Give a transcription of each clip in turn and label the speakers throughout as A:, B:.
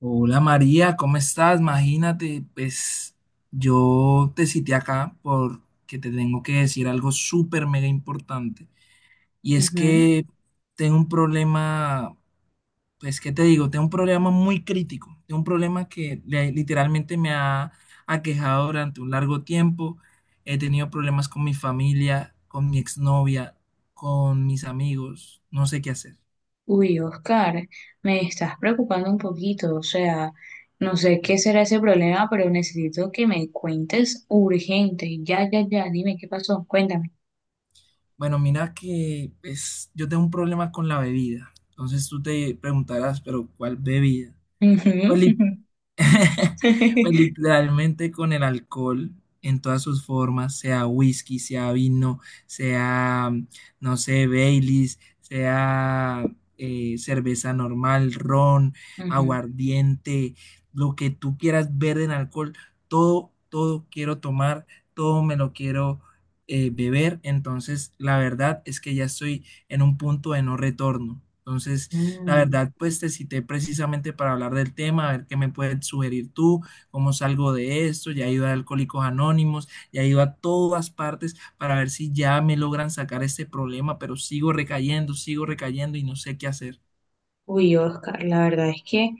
A: Hola María, ¿cómo estás? Imagínate, pues yo te cité acá porque te tengo que decir algo súper mega importante. Y es
B: Ujú.
A: que tengo un problema, pues ¿qué te digo? Tengo un problema muy crítico. Tengo un problema que literalmente me ha aquejado durante un largo tiempo. He tenido problemas con mi familia, con mi exnovia, con mis amigos. No sé qué hacer.
B: Uy, Oscar, me estás preocupando un poquito, o sea, no sé qué será ese problema, pero necesito que me cuentes urgente. Ya, ya, ya, dime qué pasó, cuéntame.
A: Bueno, mira que pues, yo tengo un problema con la bebida. Entonces tú te preguntarás, pero ¿cuál bebida? Pues
B: Ujú.
A: Pues literalmente con el alcohol en todas sus formas, sea whisky, sea vino, sea, no sé, Baileys, sea cerveza normal, ron,
B: Ujú.
A: aguardiente, lo que tú quieras ver en alcohol, todo, todo quiero tomar, todo me lo quiero beber. Entonces, la verdad es que ya estoy en un punto de no retorno. Entonces, la
B: Mm.
A: verdad, pues te cité precisamente para hablar del tema, a ver qué me puedes sugerir tú, cómo salgo de esto. Ya he ido a Alcohólicos Anónimos, ya he ido a todas partes para ver si ya me logran sacar este problema, pero sigo recayendo y no sé qué hacer.
B: Uy, Oscar, la verdad es que,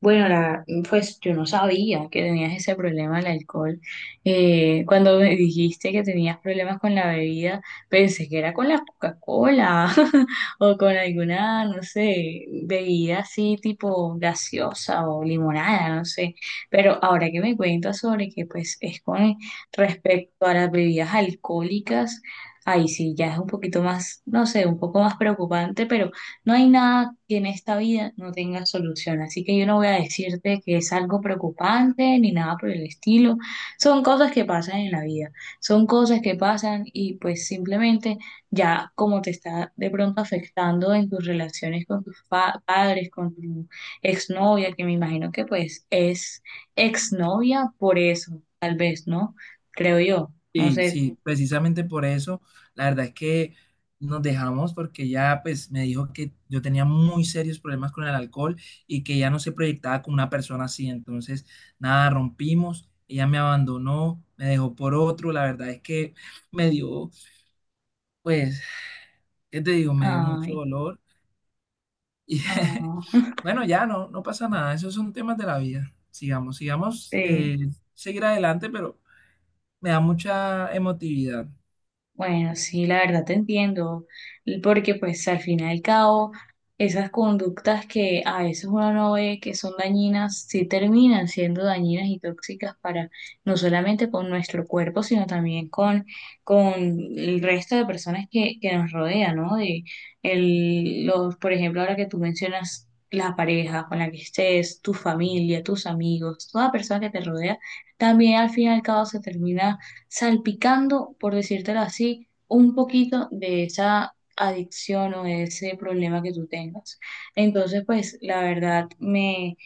B: bueno, pues yo no sabía que tenías ese problema del alcohol. Cuando me dijiste que tenías problemas con la bebida, pensé que era con la Coca-Cola o con alguna, no sé, bebida así tipo gaseosa o limonada, no sé. Pero ahora que me cuentas sobre que pues es con respecto a las bebidas alcohólicas, ahí sí ya es un poquito más, no sé, un poco más preocupante, pero no hay nada que en esta vida no tenga solución, así que yo no voy a decirte que es algo preocupante ni nada por el estilo. Son cosas que pasan en la vida, son cosas que pasan y pues simplemente ya como te está de pronto afectando en tus relaciones con tus padres, con tu exnovia, que me imagino que pues es exnovia por eso, tal vez, ¿no? Creo yo, no
A: Sí,
B: sé.
A: sí, precisamente por eso, la verdad es que nos dejamos porque ya pues me dijo que yo tenía muy serios problemas con el alcohol y que ya no se proyectaba como una persona así, entonces nada, rompimos, ella me abandonó, me dejó por otro, la verdad es que me dio, pues, ¿qué te digo? Me dio mucho
B: Ay,
A: dolor y
B: ah,
A: bueno, ya no, no pasa nada, esos son temas de la vida, sigamos, sigamos,
B: sí.
A: seguir adelante, pero me da mucha emotividad.
B: Bueno, sí, la verdad te entiendo, porque pues al fin y al cabo, esas conductas que a veces uno no ve que son dañinas, sí terminan siendo dañinas y tóxicas para no solamente con nuestro cuerpo, sino también con el resto de personas que nos rodean, ¿no? De el, los, por ejemplo, ahora que tú mencionas la pareja con la que estés, tu familia, tus amigos, toda persona que te rodea, también al fin y al cabo se termina salpicando, por decírtelo así, un poquito de esa adicción o de ese problema que tú tengas. Entonces, pues la verdad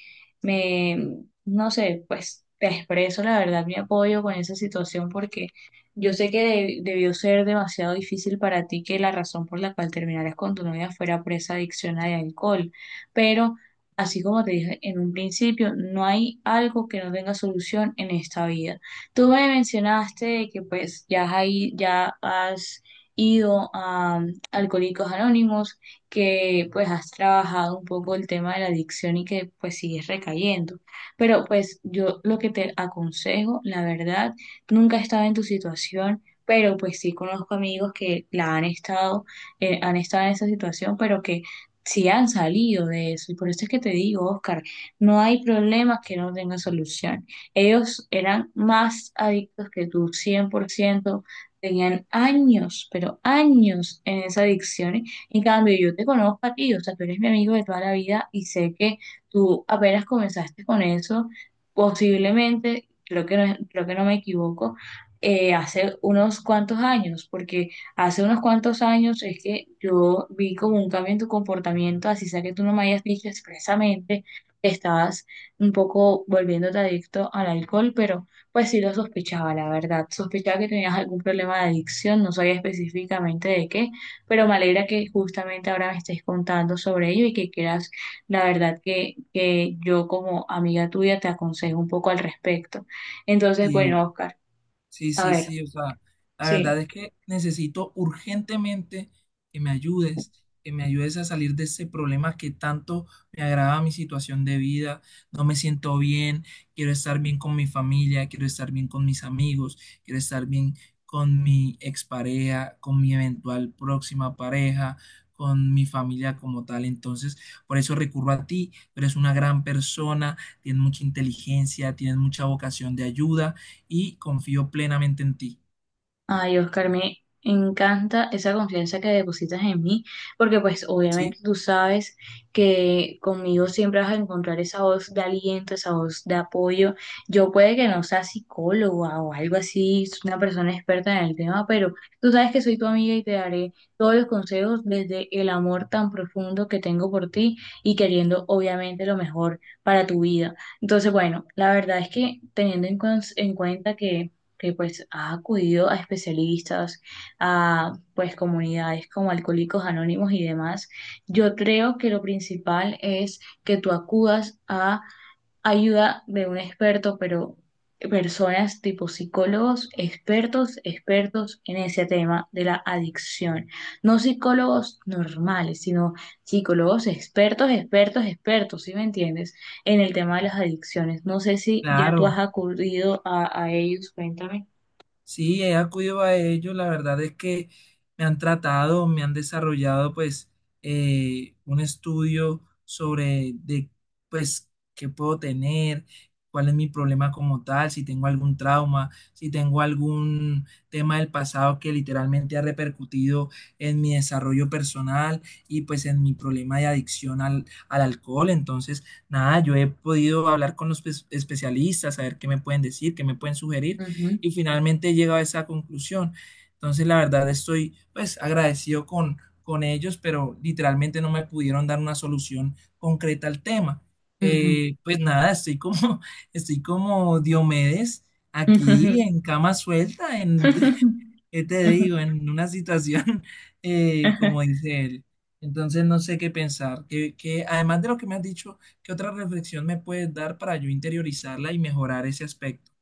B: me, no sé, pues te expreso la verdad mi apoyo con esa situación porque yo sé que debió ser demasiado difícil para ti que la razón por la cual terminaras con tu novia fuera por esa adicción al alcohol, pero así como te dije en un principio, no hay algo que no tenga solución en esta vida. Tú me mencionaste de que pues ya has, ya has ido a Alcohólicos Anónimos, que pues has trabajado un poco el tema de la adicción y que pues sigues recayendo. Pero pues yo lo que te aconsejo, la verdad, nunca he estado en tu situación, pero pues sí conozco amigos que la han estado en esa situación, pero que sí han salido de eso. Y por eso es que te digo, Oscar, no hay problema que no tenga solución. Ellos eran más adictos que tú, 100% tenían años, pero años en esa adicción. En cambio, yo te conozco a ti, o sea, tú eres mi amigo de toda la vida y sé que tú apenas comenzaste con eso, posiblemente, creo que no me equivoco, hace unos cuantos años, porque hace unos cuantos años es que yo vi como un cambio en tu comportamiento, así sea que tú no me hayas dicho expresamente que estabas un poco volviéndote adicto al alcohol, pero pues sí lo sospechaba, la verdad. Sospechaba que tenías algún problema de adicción, no sabía específicamente de qué, pero me alegra que justamente ahora me estés contando sobre ello y que quieras, la verdad, que yo como amiga tuya te aconsejo un poco al respecto. Entonces, bueno, Oscar,
A: Sí,
B: a
A: sí,
B: ver,
A: sí, o sea, la verdad
B: sí.
A: es que necesito urgentemente que me ayudes, que me ayudes a salir de ese problema que tanto me agrava mi situación de vida, no me siento bien, quiero estar bien con mi familia, quiero estar bien con mis amigos, quiero estar bien con mi expareja, con mi eventual próxima pareja, con mi familia como tal. Entonces, por eso recurro a ti, tú eres una gran persona, tienes mucha inteligencia, tienes mucha vocación de ayuda y confío plenamente en ti.
B: Ay, Oscar, me encanta esa confianza que depositas en mí, porque pues
A: ¿Sí?
B: obviamente tú sabes que conmigo siempre vas a encontrar esa voz de aliento, esa voz de apoyo. Yo puede que no sea psicóloga o algo así, soy una persona experta en el tema, pero tú sabes que soy tu amiga y te daré todos los consejos desde el amor tan profundo que tengo por ti y queriendo obviamente lo mejor para tu vida. Entonces, bueno, la verdad es que teniendo en, en cuenta que pues ha acudido a especialistas, a pues comunidades como Alcohólicos Anónimos y demás, yo creo que lo principal es que tú acudas a ayuda de un experto, pero personas tipo psicólogos, expertos, expertos en ese tema de la adicción. No psicólogos normales, sino psicólogos expertos, expertos, expertos, ¿sí me entiendes? En el tema de las adicciones. No sé si ya tú
A: Claro.
B: has acudido a ellos, cuéntame.
A: Sí, he acudido a ellos, la verdad es que me han tratado, me han desarrollado pues un estudio sobre de pues qué puedo tener, cuál es mi problema como tal, si tengo algún trauma, si tengo algún tema del pasado que literalmente ha repercutido en mi desarrollo personal y pues en mi problema de adicción al alcohol. Entonces, nada, yo he podido hablar con los especialistas, saber qué me pueden decir, qué me pueden sugerir
B: Ujú,
A: y finalmente llego a esa conclusión. Entonces, la verdad, estoy pues agradecido con ellos, pero literalmente no me pudieron dar una solución concreta al tema.
B: ujú.
A: Pues nada, estoy como, estoy como Diomedes
B: Ujú, ujú.
A: aquí en cama suelta, en, ¿qué te digo? En una situación, como dice él. Entonces no sé qué pensar. Además de lo que me has dicho, ¿qué otra reflexión me puedes dar para yo interiorizarla y mejorar ese aspecto?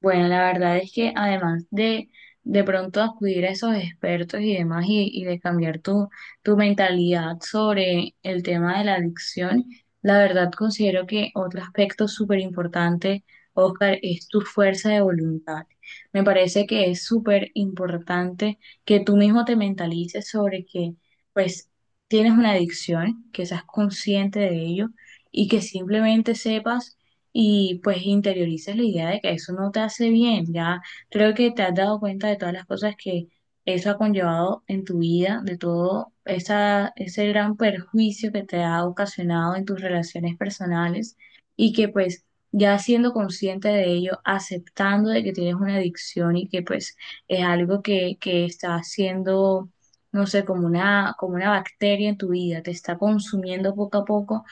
B: Bueno, la verdad es que además de pronto acudir a esos expertos y demás y de cambiar tu mentalidad sobre el tema de la adicción, la verdad considero que otro aspecto súper importante, Oscar, es tu fuerza de voluntad. Me parece que es súper importante que tú mismo te mentalices sobre que pues tienes una adicción, que seas consciente de ello y que simplemente sepas y pues interiorices la idea de que eso no te hace bien. Ya creo que te has dado cuenta de todas las cosas que eso ha conllevado en tu vida, de todo esa, ese gran perjuicio que te ha ocasionado en tus relaciones personales y que pues ya siendo consciente de ello, aceptando de que tienes una adicción y que pues es algo que está haciendo, no sé, como una bacteria en tu vida, te está consumiendo poco a poco.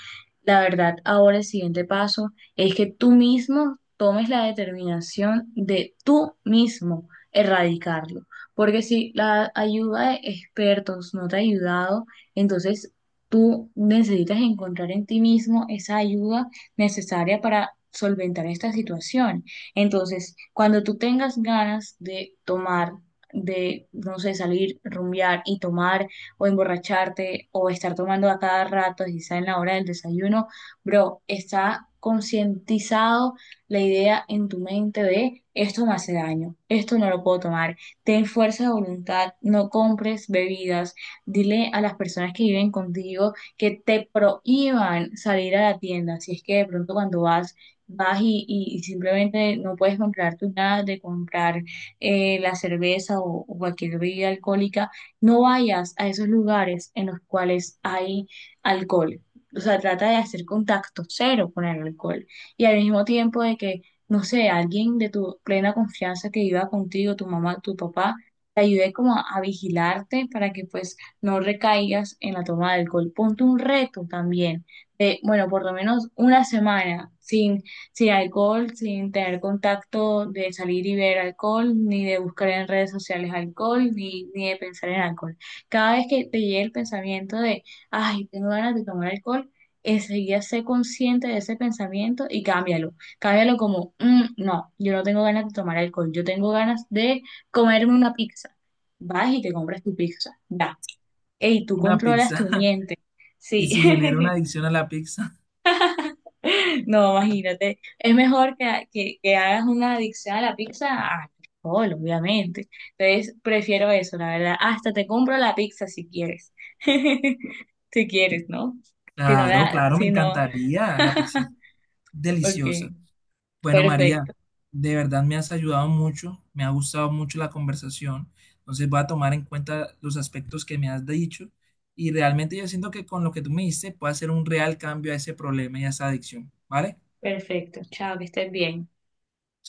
B: La verdad, ahora el siguiente paso es que tú mismo tomes la determinación de tú mismo erradicarlo. Porque si la ayuda de expertos no te ha ayudado, entonces tú necesitas encontrar en ti mismo esa ayuda necesaria para solventar esta situación. Entonces, cuando tú tengas ganas de tomar, de, no sé, salir, rumbear y tomar o emborracharte o estar tomando a cada rato, quizá en la hora del desayuno, bro, está concientizado la idea en tu mente de esto me hace daño, esto no lo puedo tomar. Ten fuerza de voluntad, no compres bebidas. Dile a las personas que viven contigo que te prohíban salir a la tienda. Si es que de pronto cuando vas, vas y simplemente no puedes comprar tu nada de comprar la cerveza o cualquier bebida alcohólica, no vayas a esos lugares en los cuales hay alcohol, o sea, trata de hacer contacto cero con el alcohol y al mismo tiempo de que, no sé, alguien de tu plena confianza que viva contigo, tu mamá, tu papá, te ayude como a vigilarte para que pues no recaigas en la toma de alcohol. Ponte un reto también de, bueno, por lo menos una semana sin alcohol, sin tener contacto de salir y ver alcohol, ni de buscar en redes sociales alcohol, ni de pensar en alcohol. Cada vez que te llegue el pensamiento de ay, tengo ganas de tomar alcohol, enseguida sé consciente de ese pensamiento y cámbialo. Cámbialo como, "Mm, no, yo no tengo ganas de tomar alcohol, yo tengo ganas de comerme una pizza". Vas y te compras tu pizza, ya. Ey, tú
A: Una
B: controlas
A: pizza.
B: tu miente.
A: ¿Y
B: Sí,
A: si genera una adicción a la pizza?
B: no, imagínate. Es mejor que, que hagas una adicción a la pizza al alcohol, obviamente. Entonces, prefiero eso, la verdad. Hasta te compro la pizza si quieres. Si quieres, ¿no? Si no
A: Claro,
B: la,
A: claro, me
B: si no,
A: encantaría. La pizza es
B: Ok,
A: deliciosa. Bueno,
B: perfecto,
A: María, de verdad me has ayudado mucho, me ha gustado mucho la conversación. Entonces voy a tomar en cuenta los aspectos que me has dicho y realmente yo siento que con lo que tú me diste puedo hacer un real cambio a ese problema y a esa adicción, ¿vale?
B: perfecto. Chao, que estés bien.